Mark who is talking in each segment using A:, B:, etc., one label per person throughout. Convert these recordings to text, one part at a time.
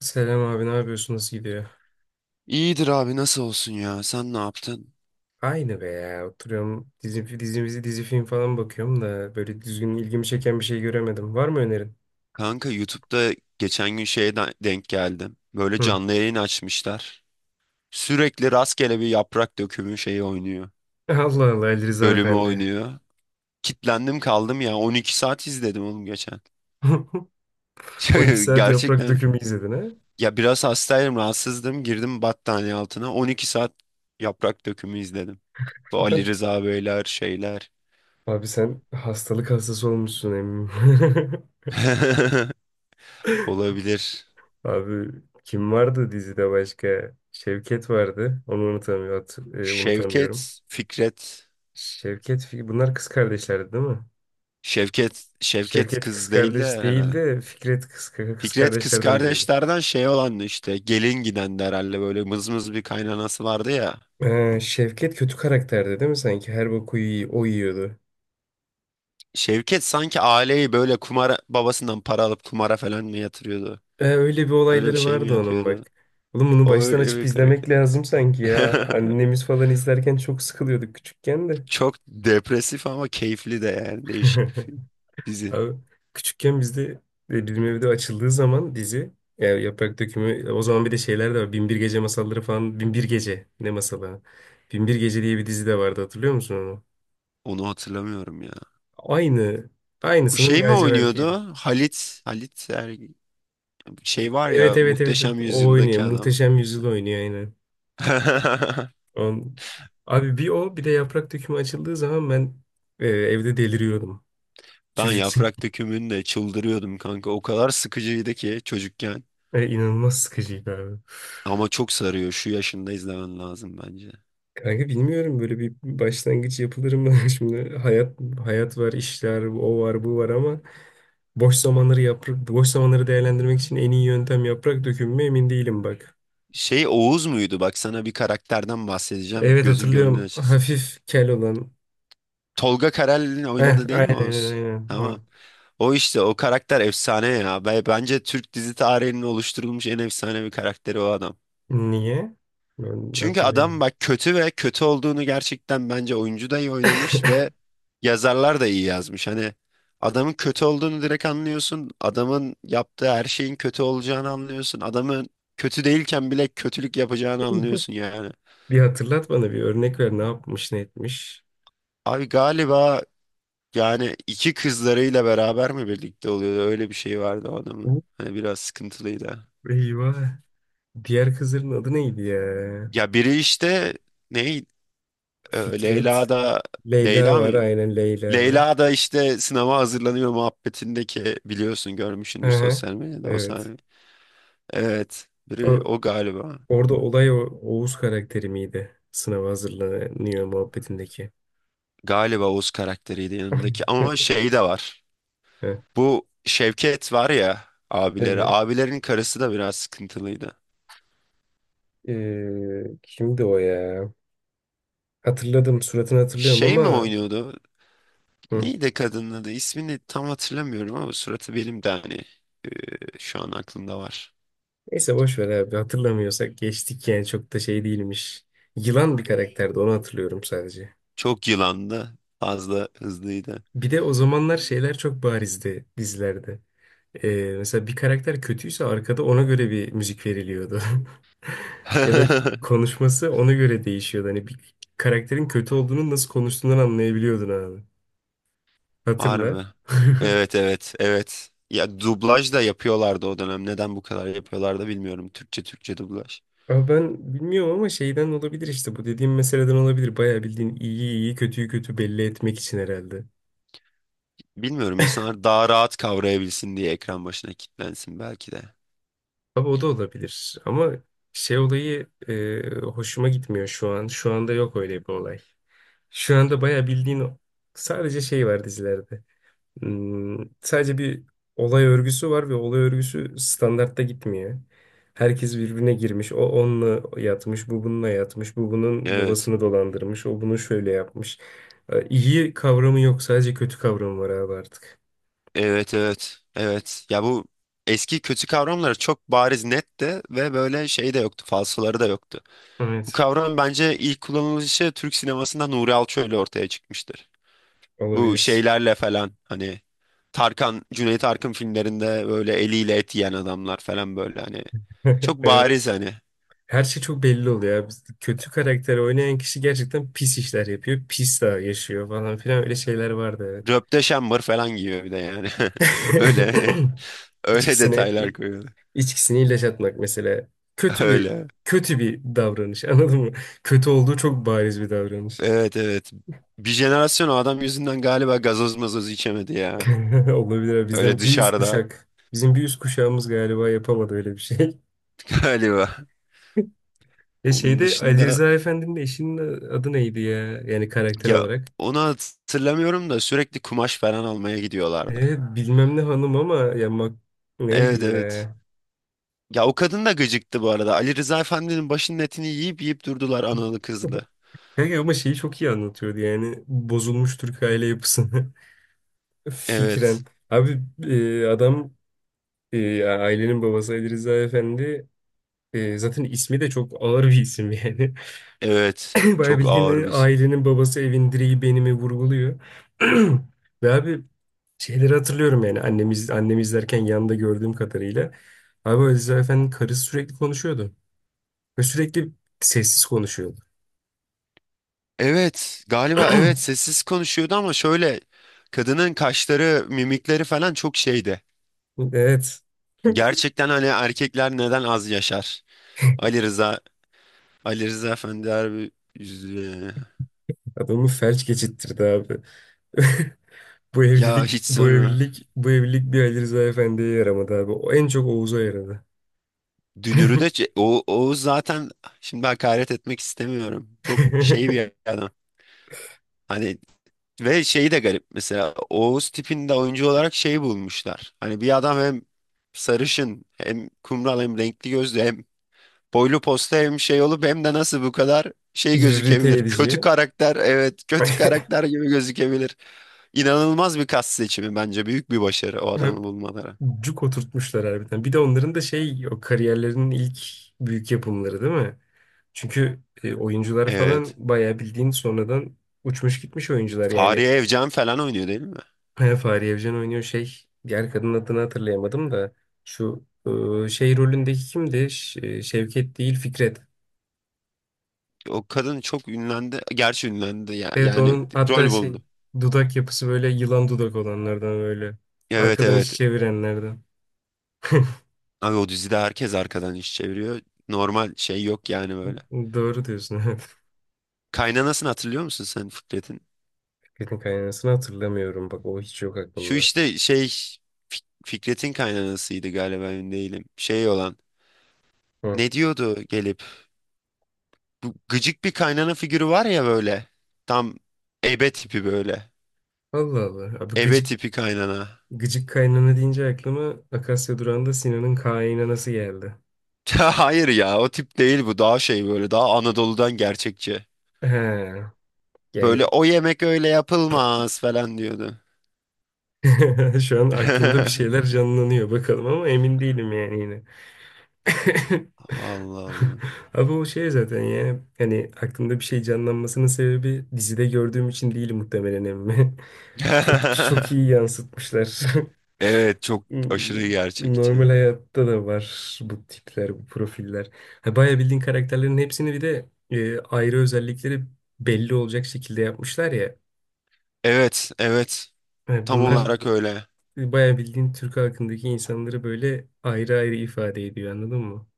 A: Selam abi, ne yapıyorsun, nasıl gidiyor?
B: İyidir abi, nasıl olsun ya? Sen ne yaptın?
A: Aynı be ya, oturuyorum, dizi film falan bakıyorum da böyle düzgün ilgimi çeken bir şey göremedim. Var mı önerin?
B: Kanka YouTube'da geçen gün şeye denk geldim. Böyle
A: Hı.
B: canlı yayın açmışlar. Sürekli rastgele bir yaprak dökümü şeyi oynuyor.
A: Allah Allah, Ali Rıza
B: Bölümü
A: Efendi.
B: oynuyor. Kitlendim kaldım ya. 12 saat izledim oğlum geçen.
A: 12 saat yaprak
B: Gerçekten.
A: dökümü izledin ha?
B: Ya biraz hastaydım, rahatsızdım. Girdim battaniye altına. 12 saat yaprak dökümü izledim. Bu Ali Rıza Beyler şeyler.
A: Abi, sen hastalık hastası olmuşsun eminim.
B: Olabilir.
A: Abi, kim vardı dizide başka? Şevket vardı. Onu unutamıyorum. Unutamıyorum.
B: Şevket, Fikret.
A: Bunlar kız kardeşlerdi değil mi?
B: Şevket Şevket
A: Şevket kız
B: kız değil de
A: kardeş
B: herhalde.
A: değildi. Fikret, kız
B: Fikret kız
A: kardeşlerden biriydi.
B: kardeşlerden şey olan işte gelin giden de herhalde, böyle mızmız bir kaynanası vardı ya.
A: Şevket kötü karakterdi değil mi sanki? Her boku iyi, o yiyordu.
B: Şevket sanki aileyi böyle kumara, babasından para alıp kumara falan mı yatırıyordu?
A: Öyle bir
B: Öyle bir
A: olayları
B: şey mi
A: vardı onun,
B: yapıyordu?
A: bak. Oğlum, bunu
B: O
A: baştan
B: öyle
A: açıp
B: bir
A: izlemek
B: karakter.
A: lazım sanki ya. Annemiz falan izlerken çok sıkılıyorduk küçükken de.
B: Çok depresif ama keyifli de, yani değişik bir film, dizi.
A: Abi, küçükken bizde, bizim evde açıldığı zaman dizi, yani Yaprak Dökümü, o zaman bir de şeyler de var. Binbir Gece masalları falan. Binbir Gece ne masalı? Ha? Binbir Gece diye bir dizi de vardı, hatırlıyor musun onu?
B: Onu hatırlamıyorum ya.
A: Aynı.
B: Bu
A: Aynısının
B: şey mi
A: lacivertiydi.
B: oynuyordu? Halit, şey var
A: Evet
B: ya,
A: evet evet. evet.
B: Muhteşem
A: O oynuyor.
B: Yüzyıldaki adam.
A: Muhteşem Yüzyıl oynuyor aynen. On... Abi, bir o bir de yaprak dökümü açıldığı zaman ben, evde deliriyordum.
B: Ben
A: Çocuk için.
B: yaprak dökümünde çıldırıyordum kanka. O kadar sıkıcıydı ki çocukken.
A: İnanılmaz sıkıcıydı abi.
B: Ama çok sarıyor. Şu yaşında izlemen lazım bence.
A: Kanka, bilmiyorum, böyle bir başlangıç yapılır mı? Şimdi hayat var, işler, o var, bu var ama boş zamanları yaprak boş zamanları değerlendirmek için en iyi yöntem yaprak dökümü mü emin değilim, bak.
B: Şey Oğuz muydu? Bak sana bir karakterden bahsedeceğim.
A: Evet,
B: Gözün gönlün
A: hatırlıyorum.
B: açılsın.
A: Hafif kel olan.
B: Tolga Karel'in
A: Heh,
B: oynadı değil mi
A: aynen aynen
B: Oğuz?
A: aynen.
B: Tamam.
A: O.
B: O işte o karakter efsane ya. Bence Türk dizi tarihinin oluşturulmuş en efsane bir karakteri o adam.
A: Niye? Ben
B: Çünkü adam
A: hatırlayamadım.
B: bak kötü, ve kötü olduğunu gerçekten bence oyuncu da iyi oynamış ve yazarlar da iyi yazmış. Hani adamın kötü olduğunu direkt anlıyorsun. Adamın yaptığı her şeyin kötü olacağını anlıyorsun. Adamın kötü değilken bile kötülük yapacağını anlıyorsun yani.
A: Bir hatırlat bana, bir örnek ver, ne yapmış, ne etmiş.
B: Abi galiba yani iki kızlarıyla beraber mi birlikte oluyordu? Öyle bir şey vardı o adamın.
A: Uh,
B: Hani biraz sıkıntılıydı.
A: Eyvah. Diğer kızların adı neydi ya?
B: Ya biri işte ne Leyla
A: Fikret.
B: da
A: Leyla
B: Leyla mı?
A: var, aynen, Leyla var.
B: Leyla da işte sınava hazırlanıyor muhabbetindeki, biliyorsun,
A: Hı
B: görmüşsündür
A: hı.
B: sosyal medyada o
A: Evet.
B: sahne. Evet, biri
A: O,
B: o galiba.
A: Orada olay o, Oğuz karakteri miydi? Sınava hazırlanıyor muhabbetindeki.
B: Galiba Oğuz karakteriydi yanındaki, ama şey de var.
A: Heh.
B: Bu Şevket var ya, abileri.
A: Evet.
B: Abilerin karısı da biraz sıkıntılıydı.
A: Kimdi o ya? Hatırladım, suratını hatırlıyorum
B: Şey mi
A: ama...
B: oynuyordu?
A: Hı.
B: Neydi kadının adı? İsmini tam hatırlamıyorum ama suratı benim de hani şu an aklımda var.
A: Neyse boş ver abi, hatırlamıyorsak geçtik, yani çok da şey değilmiş. Yılan bir karakterdi, onu hatırlıyorum sadece.
B: Çok yılandı. Fazla hızlıydı.
A: Bir de o zamanlar şeyler çok barizdi dizilerde. Mesela bir karakter kötüyse arkada ona göre bir müzik veriliyordu. Ya da konuşması ona göre değişiyordu. Hani bir karakterin kötü olduğunu nasıl konuştuğundan anlayabiliyordun abi. Hatırla.
B: Harbi. Evet evet evet. Ya dublaj da yapıyorlardı o dönem. Neden bu kadar yapıyorlardı bilmiyorum. Türkçe Türkçe dublaj.
A: Ama ben bilmiyorum, ama şeyden olabilir, işte bu dediğim meseleden olabilir. Bayağı bildiğin iyiyi iyi, kötüyü kötü belli etmek için herhalde.
B: Bilmiyorum, insanlar daha rahat kavrayabilsin diye, ekran başına kilitlensin belki de.
A: Abi, o da olabilir ama şey olayı hoşuma gitmiyor şu an. Şu anda yok öyle bir olay. Şu anda bayağı bildiğin sadece şey var dizilerde. Hmm, sadece bir olay örgüsü var ve olay örgüsü standartta gitmiyor. Herkes birbirine girmiş. O onunla yatmış, bu bununla yatmış, bu bunun
B: Evet.
A: babasını dolandırmış, o bunu şöyle yapmış. İyi kavramı yok, sadece kötü kavramı var abi artık.
B: Evet evet. Evet. Ya bu eski kötü kavramları çok bariz netti ve böyle şey de yoktu. Falsoları da yoktu. Bu
A: Evet,
B: kavram bence ilk kullanılışı Türk sinemasında Nuri Alço ile ortaya çıkmıştır. Bu
A: olabilir.
B: şeylerle falan hani Tarkan, Cüneyt Arkın filmlerinde böyle eliyle et yiyen adamlar falan böyle hani. Çok
A: Evet.
B: bariz hani.
A: Her şey çok belli oluyor ya. Kötü karakter oynayan kişi gerçekten pis işler yapıyor. Pis daha yaşıyor falan filan, öyle şeyler vardı, evet.
B: Röpte şambır falan giyiyor bir de yani. Öyle öyle
A: İçkisine
B: detaylar koyuyor.
A: içkisini ilaç atmak mesela. Kötü bir
B: Öyle.
A: Kötü bir davranış, anladın mı? Kötü olduğu çok bariz bir davranış.
B: Evet evet. Bir jenerasyon o adam yüzünden galiba gazoz mazoz içemedi ya.
A: Olabilir abi.
B: Öyle
A: Bizden bir üst
B: dışarıda
A: kuşak. Bizim bir üst kuşağımız galiba yapamadı öyle bir şey.
B: galiba.
A: E
B: Onun
A: şeyde Ali
B: dışında
A: Rıza Efendi'nin eşinin adı neydi ya? Yani karakter
B: ya,
A: olarak.
B: onu hatırlamıyorum da sürekli kumaş falan almaya gidiyorlardı.
A: Evet, bilmem ne hanım, ama ya neydi
B: Evet evet.
A: ya?
B: Ya o kadın da gıcıktı bu arada. Ali Rıza Efendi'nin başının etini yiyip yiyip durdular analı kızlı.
A: Kanka, ama şeyi çok iyi anlatıyordu, yani bozulmuş Türk aile yapısını fikren.
B: Evet.
A: Abi, adam, ya ailenin babası Ali Rıza Efendi, zaten ismi de çok ağır bir isim yani.
B: Evet.
A: Bayağı
B: Çok ağır
A: bildiğin,
B: biz.
A: ailenin babası, evin direği benimi vurguluyor. Ve abi, şeyleri hatırlıyorum, yani annemi izlerken yanında gördüğüm kadarıyla. Abi, Ali Rıza Efendi'nin karısı sürekli konuşuyordu. Ve sürekli sessiz konuşuyordu.
B: Evet. Galiba evet sessiz konuşuyordu ama şöyle, kadının kaşları, mimikleri falan çok şeydi.
A: Evet.
B: Gerçekten hani erkekler neden az yaşar? Ali Rıza, Ali Rıza Efendi harbi üzücü.
A: Adamı felç geçittirdi abi. Bu
B: Ya
A: evlilik,
B: hiç
A: bu
B: sonra.
A: evlilik, bu evlilik bir Ali Rıza Efendi'ye yaramadı abi. O en çok Oğuz'a yaradı.
B: Dünürü de o zaten şimdi hakaret etmek istemiyorum. Çok şey bir adam. Hani ve şeyi de garip, mesela Oğuz tipinde oyuncu olarak şeyi bulmuşlar. Hani bir adam hem sarışın hem kumral hem renkli gözlü hem boylu posta hem şey olup hem de nasıl bu kadar şey
A: İrrite
B: gözükebilir. Kötü
A: edici.
B: karakter, evet, kötü karakter gibi gözükebilir. İnanılmaz bir kas seçimi, bence büyük bir başarı o adamı
A: hep
B: bulmaları.
A: Cuk oturtmuşlar harbiden. Bir de onların da şey, o kariyerlerinin ilk büyük yapımları değil mi? Çünkü oyuncular
B: Evet.
A: falan bayağı bildiğin sonradan uçmuş gitmiş oyuncular yani.
B: Fahriye Evcen falan oynuyor değil mi?
A: He, Fahriye Evcen oynuyor şey. Diğer kadının adını hatırlayamadım da. Şu şey rolündeki kimdi? Şevket değil, Fikret.
B: O kadın çok ünlendi. Gerçi ünlendi ya.
A: Evet,
B: Yani
A: onun hatta
B: rol
A: şey,
B: buldu.
A: dudak yapısı böyle yılan dudak olanlardan böyle.
B: Evet
A: Arkadan iş
B: evet.
A: çevirenlerden.
B: Abi o dizide herkes arkadan iş çeviriyor. Normal şey yok yani böyle.
A: Doğru diyorsun, evet.
B: Kaynanasını hatırlıyor musun sen, Fikret'in?
A: Fikret'in kaynanasını hatırlamıyorum. Bak, o hiç yok
B: Şu
A: aklımda.
B: işte şey, Fikret'in kaynanasıydı galiba, emin değilim. Şey olan,
A: Hı.
B: ne diyordu gelip? Bu gıcık bir kaynana figürü var ya böyle. Tam ebe tipi böyle.
A: Allah Allah. Abi,
B: Ebe
A: gıcık
B: tipi kaynana.
A: gıcık kaynana deyince aklıma Akasya Durağı'nda Sinan'ın kaynanası geldi.
B: Hayır ya, o tip değil, bu daha şey böyle, daha Anadolu'dan, gerçekçi.
A: He.
B: Böyle
A: Yani
B: o yemek öyle yapılmaz falan diyordu.
A: şu an aklımda bir şeyler canlanıyor, bakalım ama emin değilim yani yine.
B: Allah Allah.
A: Abi, o şey zaten ya. Hani aklımda bir şey canlanmasının sebebi dizide gördüğüm için değil muhtemelen, emmi. Çok iyi yansıtmışlar.
B: Evet, çok aşırı gerçekçi.
A: Normal hayatta da var bu tipler, bu profiller. Ha, bayağı bildiğin karakterlerin hepsini bir de ayrı özellikleri belli olacak şekilde yapmışlar ya.
B: Evet evet,
A: Ha,
B: tam
A: bunlar
B: olarak öyle.
A: bayağı bildiğin Türk halkındaki insanları böyle ayrı ayrı ifade ediyor, anladın mı?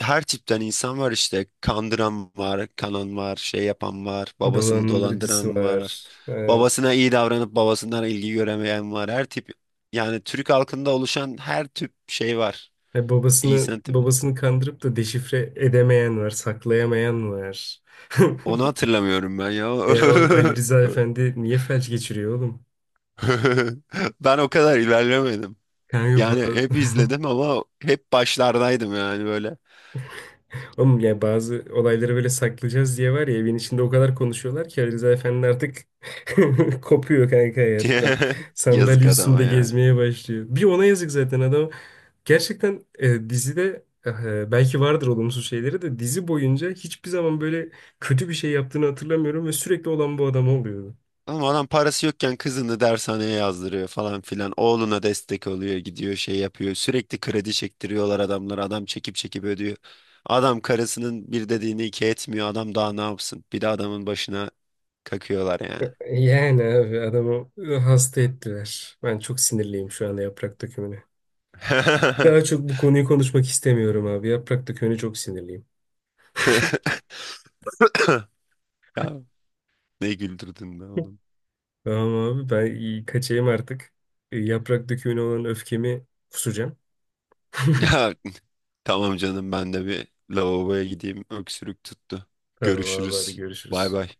B: Her tipten insan var, işte kandıran var, kanan var, şey yapan var, babasını
A: Dolandırıcısı
B: dolandıran var.
A: var.
B: Babasına iyi davranıp babasından ilgi göremeyen var. Her tip, yani Türk halkında oluşan her tip şey var.
A: Babasını
B: İnsan tipi.
A: babasını kandırıp da deşifre edemeyen var, saklayamayan var.
B: Onu hatırlamıyorum ben ya.
A: E, o Ali Rıza Efendi niye felç geçiriyor oğlum?
B: Ben o kadar ilerlemedim.
A: Kanka,
B: Yani
A: bazı...
B: hep izledim ama hep başlardaydım yani böyle.
A: Oğlum ya, bazı olayları böyle saklayacağız diye var ya, evin içinde o kadar konuşuyorlar ki Ali Rıza Efendi artık kopuyor kanka hayattan. Sandalye
B: Yazık adama
A: üstünde
B: ya.
A: gezmeye başlıyor. Bir ona yazık zaten adam. Gerçekten, dizide belki vardır olumsuz şeyleri de, dizi boyunca hiçbir zaman böyle kötü bir şey yaptığını hatırlamıyorum ve sürekli olan bu adam oluyordu.
B: Ama adam parası yokken kızını dershaneye yazdırıyor falan filan. Oğluna destek oluyor, gidiyor şey yapıyor. Sürekli kredi çektiriyorlar adamlara. Adam çekip çekip ödüyor. Adam karısının bir dediğini iki etmiyor. Adam daha ne yapsın? Bir de adamın başına kakıyorlar yani.
A: Yani abi adamı hasta ettiler. Ben çok sinirliyim şu anda Yaprak Dökümü'ne. Daha çok bu konuyu konuşmak istemiyorum abi. Yaprak Dökümü'ne çok sinirliyim.
B: Ya ne güldürdün be oğlum.
A: Tamam abi, ben kaçayım artık. E, Yaprak Dökümü'ne olan öfkemi kusacağım.
B: Ya tamam canım, ben de bir lavaboya gideyim. Öksürük tuttu.
A: Tamam abi, hadi
B: Görüşürüz. Bay
A: görüşürüz.
B: bay.